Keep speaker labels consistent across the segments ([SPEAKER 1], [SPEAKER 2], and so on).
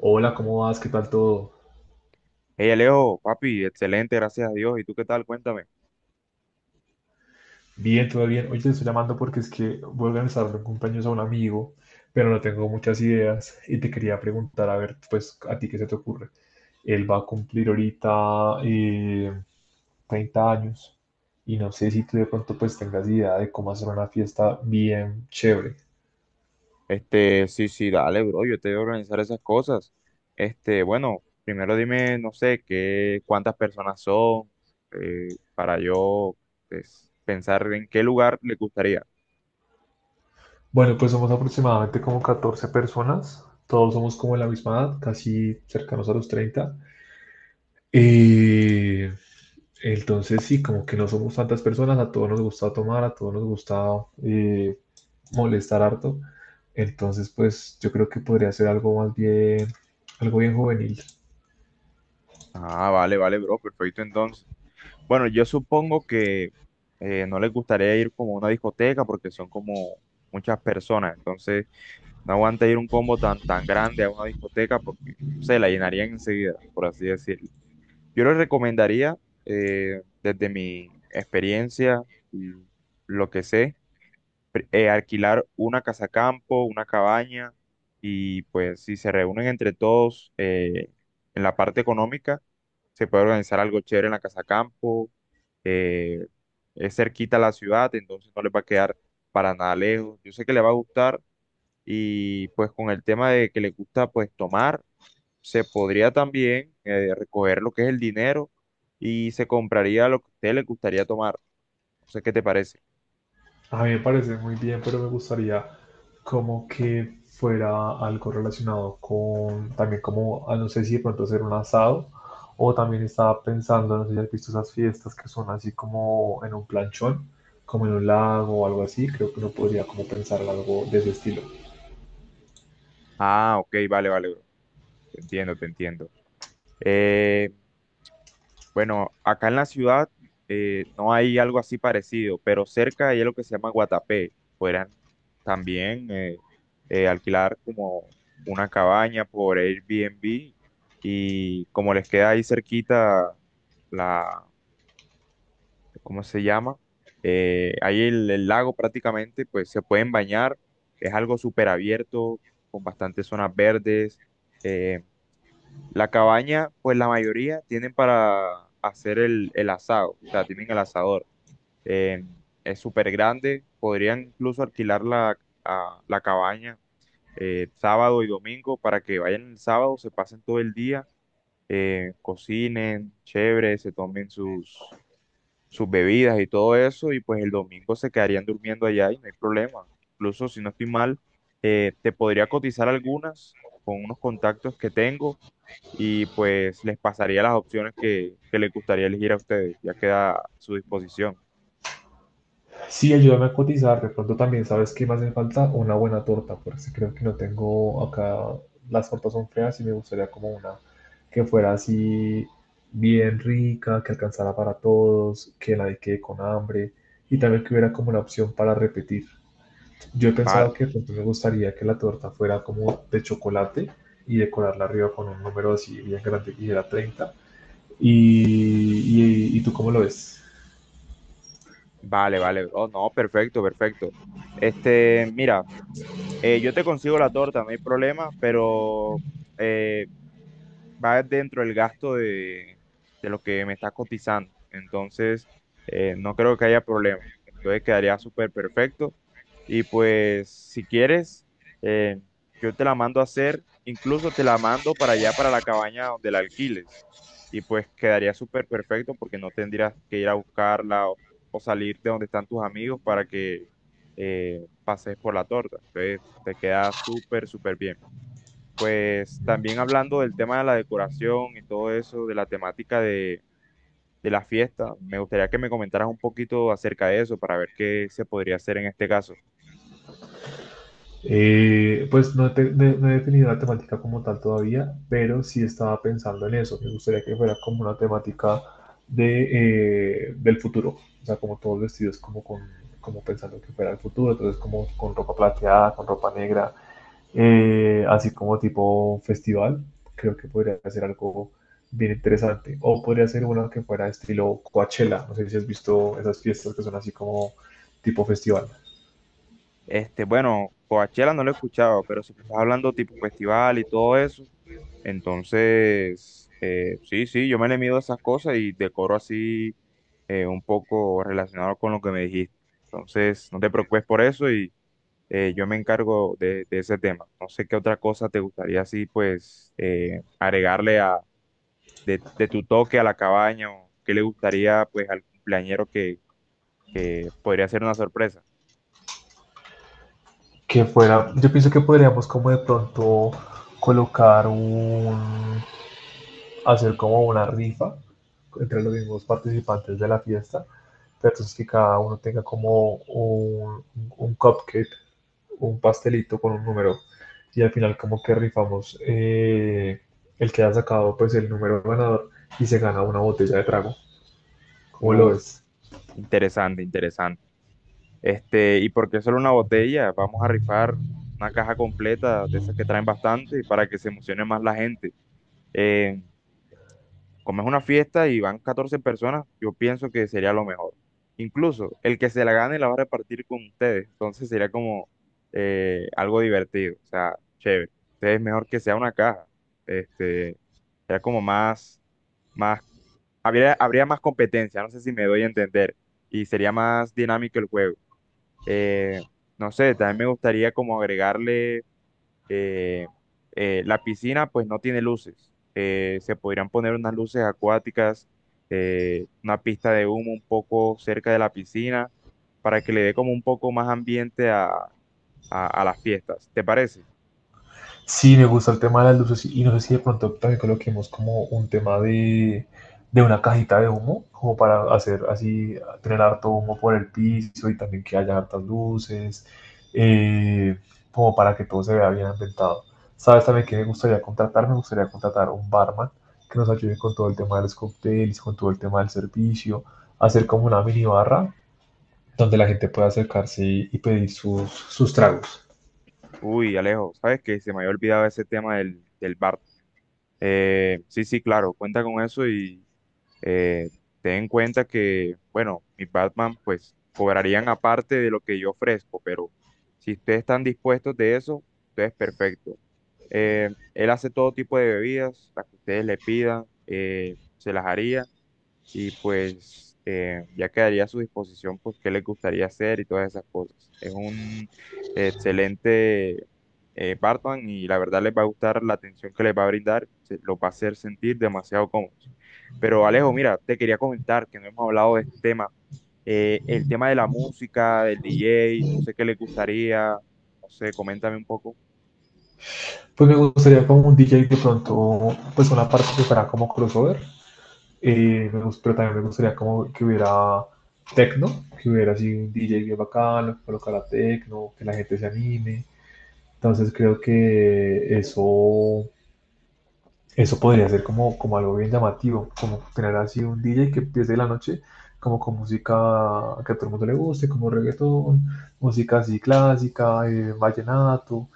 [SPEAKER 1] Hola, ¿cómo vas? ¿Qué tal todo?
[SPEAKER 2] Hey Alejo, papi, excelente, gracias a Dios. ¿Y tú qué tal? Cuéntame.
[SPEAKER 1] Bien, todo bien. Hoy te estoy llamando porque es que voy a organizar un cumpleaños a un amigo, pero no tengo muchas ideas y te quería preguntar, a ver, pues, ¿a ti qué se te ocurre? Él va a cumplir ahorita 30 años y no sé si tú de pronto pues tengas idea de cómo hacer una fiesta bien chévere.
[SPEAKER 2] Sí, sí, dale, bro, yo te voy a organizar esas cosas. Bueno, primero dime, no sé, qué, cuántas personas son, para yo, pues, pensar en qué lugar le gustaría.
[SPEAKER 1] Bueno, pues somos aproximadamente como 14 personas, todos somos como de la misma edad, casi cercanos a los 30. Eh, entonces sí, como que no somos tantas personas, a todos nos gusta tomar, a todos nos gusta eh, molestar harto. Entonces, pues yo creo que podría ser algo más bien, algo bien juvenil.
[SPEAKER 2] Ah, vale, vale, bro, perfecto entonces. Bueno, yo supongo que no les gustaría ir como a una discoteca porque son como muchas personas, entonces no aguanta ir un combo tan, tan grande a una discoteca porque se la llenarían enseguida, por así decirlo. Yo les recomendaría, desde mi experiencia y lo que sé, alquilar una casa campo, una cabaña, y pues si se reúnen entre todos en la parte económica, se puede organizar algo chévere en la casa campo, eh, es cerquita a la ciudad, entonces no les va a quedar para nada lejos. Yo sé que les va a gustar, y pues con el tema de que le gusta pues tomar, se podría también recoger lo que es el dinero y se compraría lo que a usted le gustaría tomar. No sé qué te parece.
[SPEAKER 1] A mí me parece muy bien, pero me gustaría como que fuera algo relacionado con también como, ah, no sé si de pronto hacer un asado o también estaba pensando, no sé si has visto esas fiestas que son así como en un planchón, como en un lago o algo así, creo que uno podría como pensar en algo de ese estilo.
[SPEAKER 2] Ah, ok, vale, vale, bro. Te entiendo, te entiendo. Bueno, acá en la ciudad no hay algo así parecido, pero cerca hay algo que se llama Guatapé. Podrían también alquilar como una cabaña por Airbnb, y como les queda ahí cerquita la, ¿cómo se llama? Ahí el lago prácticamente, pues se pueden bañar. Es algo súper abierto, con bastantes zonas verdes. eh, la cabaña, pues la mayoría tienen para hacer el asado, o sea, tienen el asador. Eh, es súper grande, podrían incluso alquilar la cabaña sábado y domingo para que vayan el sábado, se pasen todo el día, cocinen, chévere, se tomen sus bebidas y todo eso, y pues el domingo se quedarían durmiendo allá y no hay problema. Incluso si no estoy mal, te podría cotizar algunas con unos contactos que tengo, y pues les pasaría las opciones que les gustaría elegir a ustedes. Ya queda a su disposición.
[SPEAKER 1] Sí, ayúdame a cotizar. De pronto también, ¿sabes qué me hace falta? Una buena torta, porque sí creo que no tengo acá. Las tortas son feas y me gustaría como una que fuera así bien rica, que alcanzara para todos, que nadie quede con hambre y también que hubiera como una opción para repetir. Yo he pensado
[SPEAKER 2] Vale,
[SPEAKER 1] que de pronto me gustaría que la torta fuera como de chocolate y decorarla arriba con un número así bien grande que era 30. ¿Y tú cómo lo ves?
[SPEAKER 2] vale, vale, bro. No, perfecto, perfecto. Mira, yo te consigo la torta, no hay problema, pero eh, va dentro del gasto de lo que me está cotizando. Entonces, no creo que haya problema. Entonces, quedaría súper perfecto. Y pues, si quieres, eh, yo te la mando a hacer, incluso te la mando para allá, para la cabaña donde la alquiles. Y pues quedaría súper perfecto porque no tendrías que ir a buscarla o salir de donde están tus amigos para que pases por la torta. Entonces, te queda súper, súper bien. Pues también hablando del tema de la decoración y todo eso, de la temática de la fiesta, me gustaría que me comentaras un poquito acerca de eso para ver qué se podría hacer en este caso.
[SPEAKER 1] No he definido la temática como tal todavía, pero sí estaba pensando en eso. Me gustaría que fuera como una temática de, del futuro, o sea, como todos vestidos como, con, como pensando que fuera el futuro, entonces como con ropa plateada, con ropa negra, así como tipo festival. Creo que podría ser algo bien interesante. O podría ser una que fuera estilo Coachella. No sé si has visto esas fiestas que son así como tipo festival.
[SPEAKER 2] Bueno, Coachella no lo he escuchado, pero si me estás hablando tipo festival y todo eso, entonces, sí, sí, yo me le mido a esas cosas y decoro así un poco relacionado con lo que me dijiste. Entonces, no te preocupes por eso. Yo me encargo de ese tema. No sé qué otra cosa te gustaría así, pues, agregarle de tu toque a la cabaña, o qué le gustaría, pues, al cumpleañero, que podría ser una sorpresa.
[SPEAKER 1] Que fuera, yo pienso que podríamos como de pronto colocar un, hacer como una rifa entre los mismos participantes de la fiesta, pero entonces que cada uno tenga como un cupcake, un pastelito con un número, y al final como que rifamos el que haya sacado pues el número ganador y se gana una botella de trago. ¿Cómo lo
[SPEAKER 2] Uf,
[SPEAKER 1] ves?
[SPEAKER 2] interesante, interesante. ¿Y por qué solo una botella? Vamos a rifar una caja completa de esas que traen bastante para que se emocione más la gente. Eh, Como es una fiesta y van 14 personas, yo pienso que sería lo mejor. Incluso el que se la gane la va a repartir con ustedes, entonces sería como algo divertido, o sea, chévere. Entonces es mejor que sea una caja, este, sería como más, habría más competencia, no sé si me doy a entender, y sería más dinámico el juego. Eh, no sé, también me gustaría como agregarle eh, la piscina pues no tiene luces. Se podrían poner unas luces acuáticas, una pista de humo un poco cerca de la piscina para que le dé como un poco más ambiente a, las fiestas. ¿Te parece?
[SPEAKER 1] Sí, me gusta el tema de las luces y no sé si de pronto también coloquemos como un tema de una cajita de humo, como para hacer así, tener harto humo por el piso y también que haya hartas luces, eh, como para que todo se vea bien ambientado. ¿Sabes también que me gustaría contratar? Me gustaría contratar un barman que nos ayude con todo el tema de los cócteles, con todo el tema del servicio, hacer como una mini barra donde la gente pueda acercarse y pedir sus tragos.
[SPEAKER 2] Uy, Alejo, ¿sabes qué? Se me había olvidado ese tema del bar. Sí, sí, claro, cuenta con eso. Eh, Ten en cuenta que, bueno, mis Batman pues cobrarían aparte de lo que yo ofrezco, pero si ustedes están dispuestos de eso, entonces perfecto. Él hace todo tipo de bebidas, las que ustedes le pidan, se las haría, y pues ya quedaría a su disposición pues qué les gustaría hacer y todas esas cosas. Es un excelente barman, y la verdad les va a gustar la atención que les va a brindar, los va a hacer sentir demasiado cómodos. Pero Alejo, mira, te quería comentar que no hemos hablado de este tema, el tema de la música, del DJ. No sé qué les gustaría, no sé, coméntame un poco.
[SPEAKER 1] Pues me gustaría como un DJ de pronto, pues una parte que fuera como crossover, pero también me gustaría como que hubiera techno, que hubiera así un DJ bien bacano, que colocara techno, que la gente se anime. Entonces creo que eso podría ser como, como algo bien llamativo, como tener así un DJ que empiece la noche como con música que a todo el mundo le guste, como reggaetón, música así clásica, vallenato,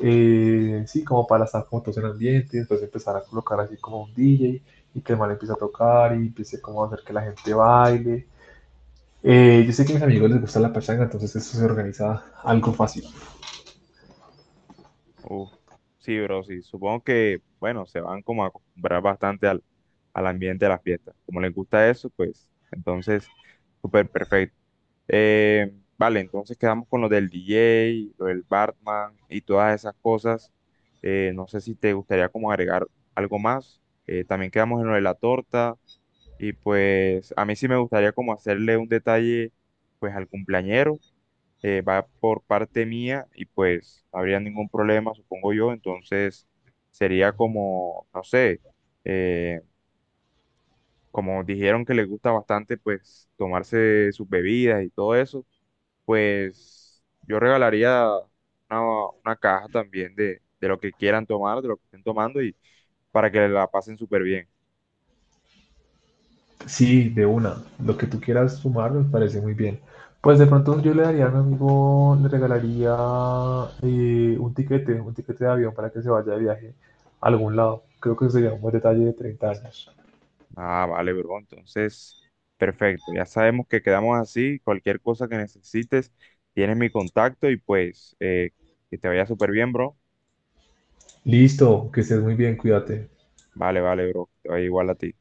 [SPEAKER 1] sí, como para estar como todos en ambiente, después empezar a colocar así como un DJ y que el man empiece a tocar y empiece como a hacer que la gente baile. Yo sé que a mis amigos les gusta la pachanga, entonces eso se organiza algo fácil.
[SPEAKER 2] Uf, sí, bro, sí. Supongo que, bueno, se van como a acostumbrar bastante al ambiente de las fiestas. Como les gusta eso, pues, entonces, súper perfecto. Vale, entonces quedamos con lo del DJ, lo del Bartman y todas esas cosas. No sé si te gustaría como agregar algo más. También quedamos en lo de la torta, y pues a mí sí me gustaría como hacerle un detalle pues al cumpleañero. Va por parte mía y pues no habría ningún problema, supongo yo. Entonces sería como, no sé, eh, como dijeron que les gusta bastante pues tomarse sus bebidas y todo eso, pues yo regalaría una, una caja también de lo que quieran tomar, de lo que estén tomando, y para que la pasen súper bien.
[SPEAKER 1] Sí, de una. Lo que tú quieras sumar me parece muy bien. Pues de pronto yo le daría a mi amigo, le regalaría un tiquete de avión para que se vaya de viaje a algún lado. Creo que sería un buen detalle de 30 años.
[SPEAKER 2] Ah, vale, bro. Entonces, perfecto. Ya sabemos que quedamos así. Cualquier cosa que necesites, tienes mi contacto, y pues que te vaya súper bien, bro.
[SPEAKER 1] Listo, que estés muy bien, cuídate.
[SPEAKER 2] Vale, vale, bro. Que te vaya igual a ti.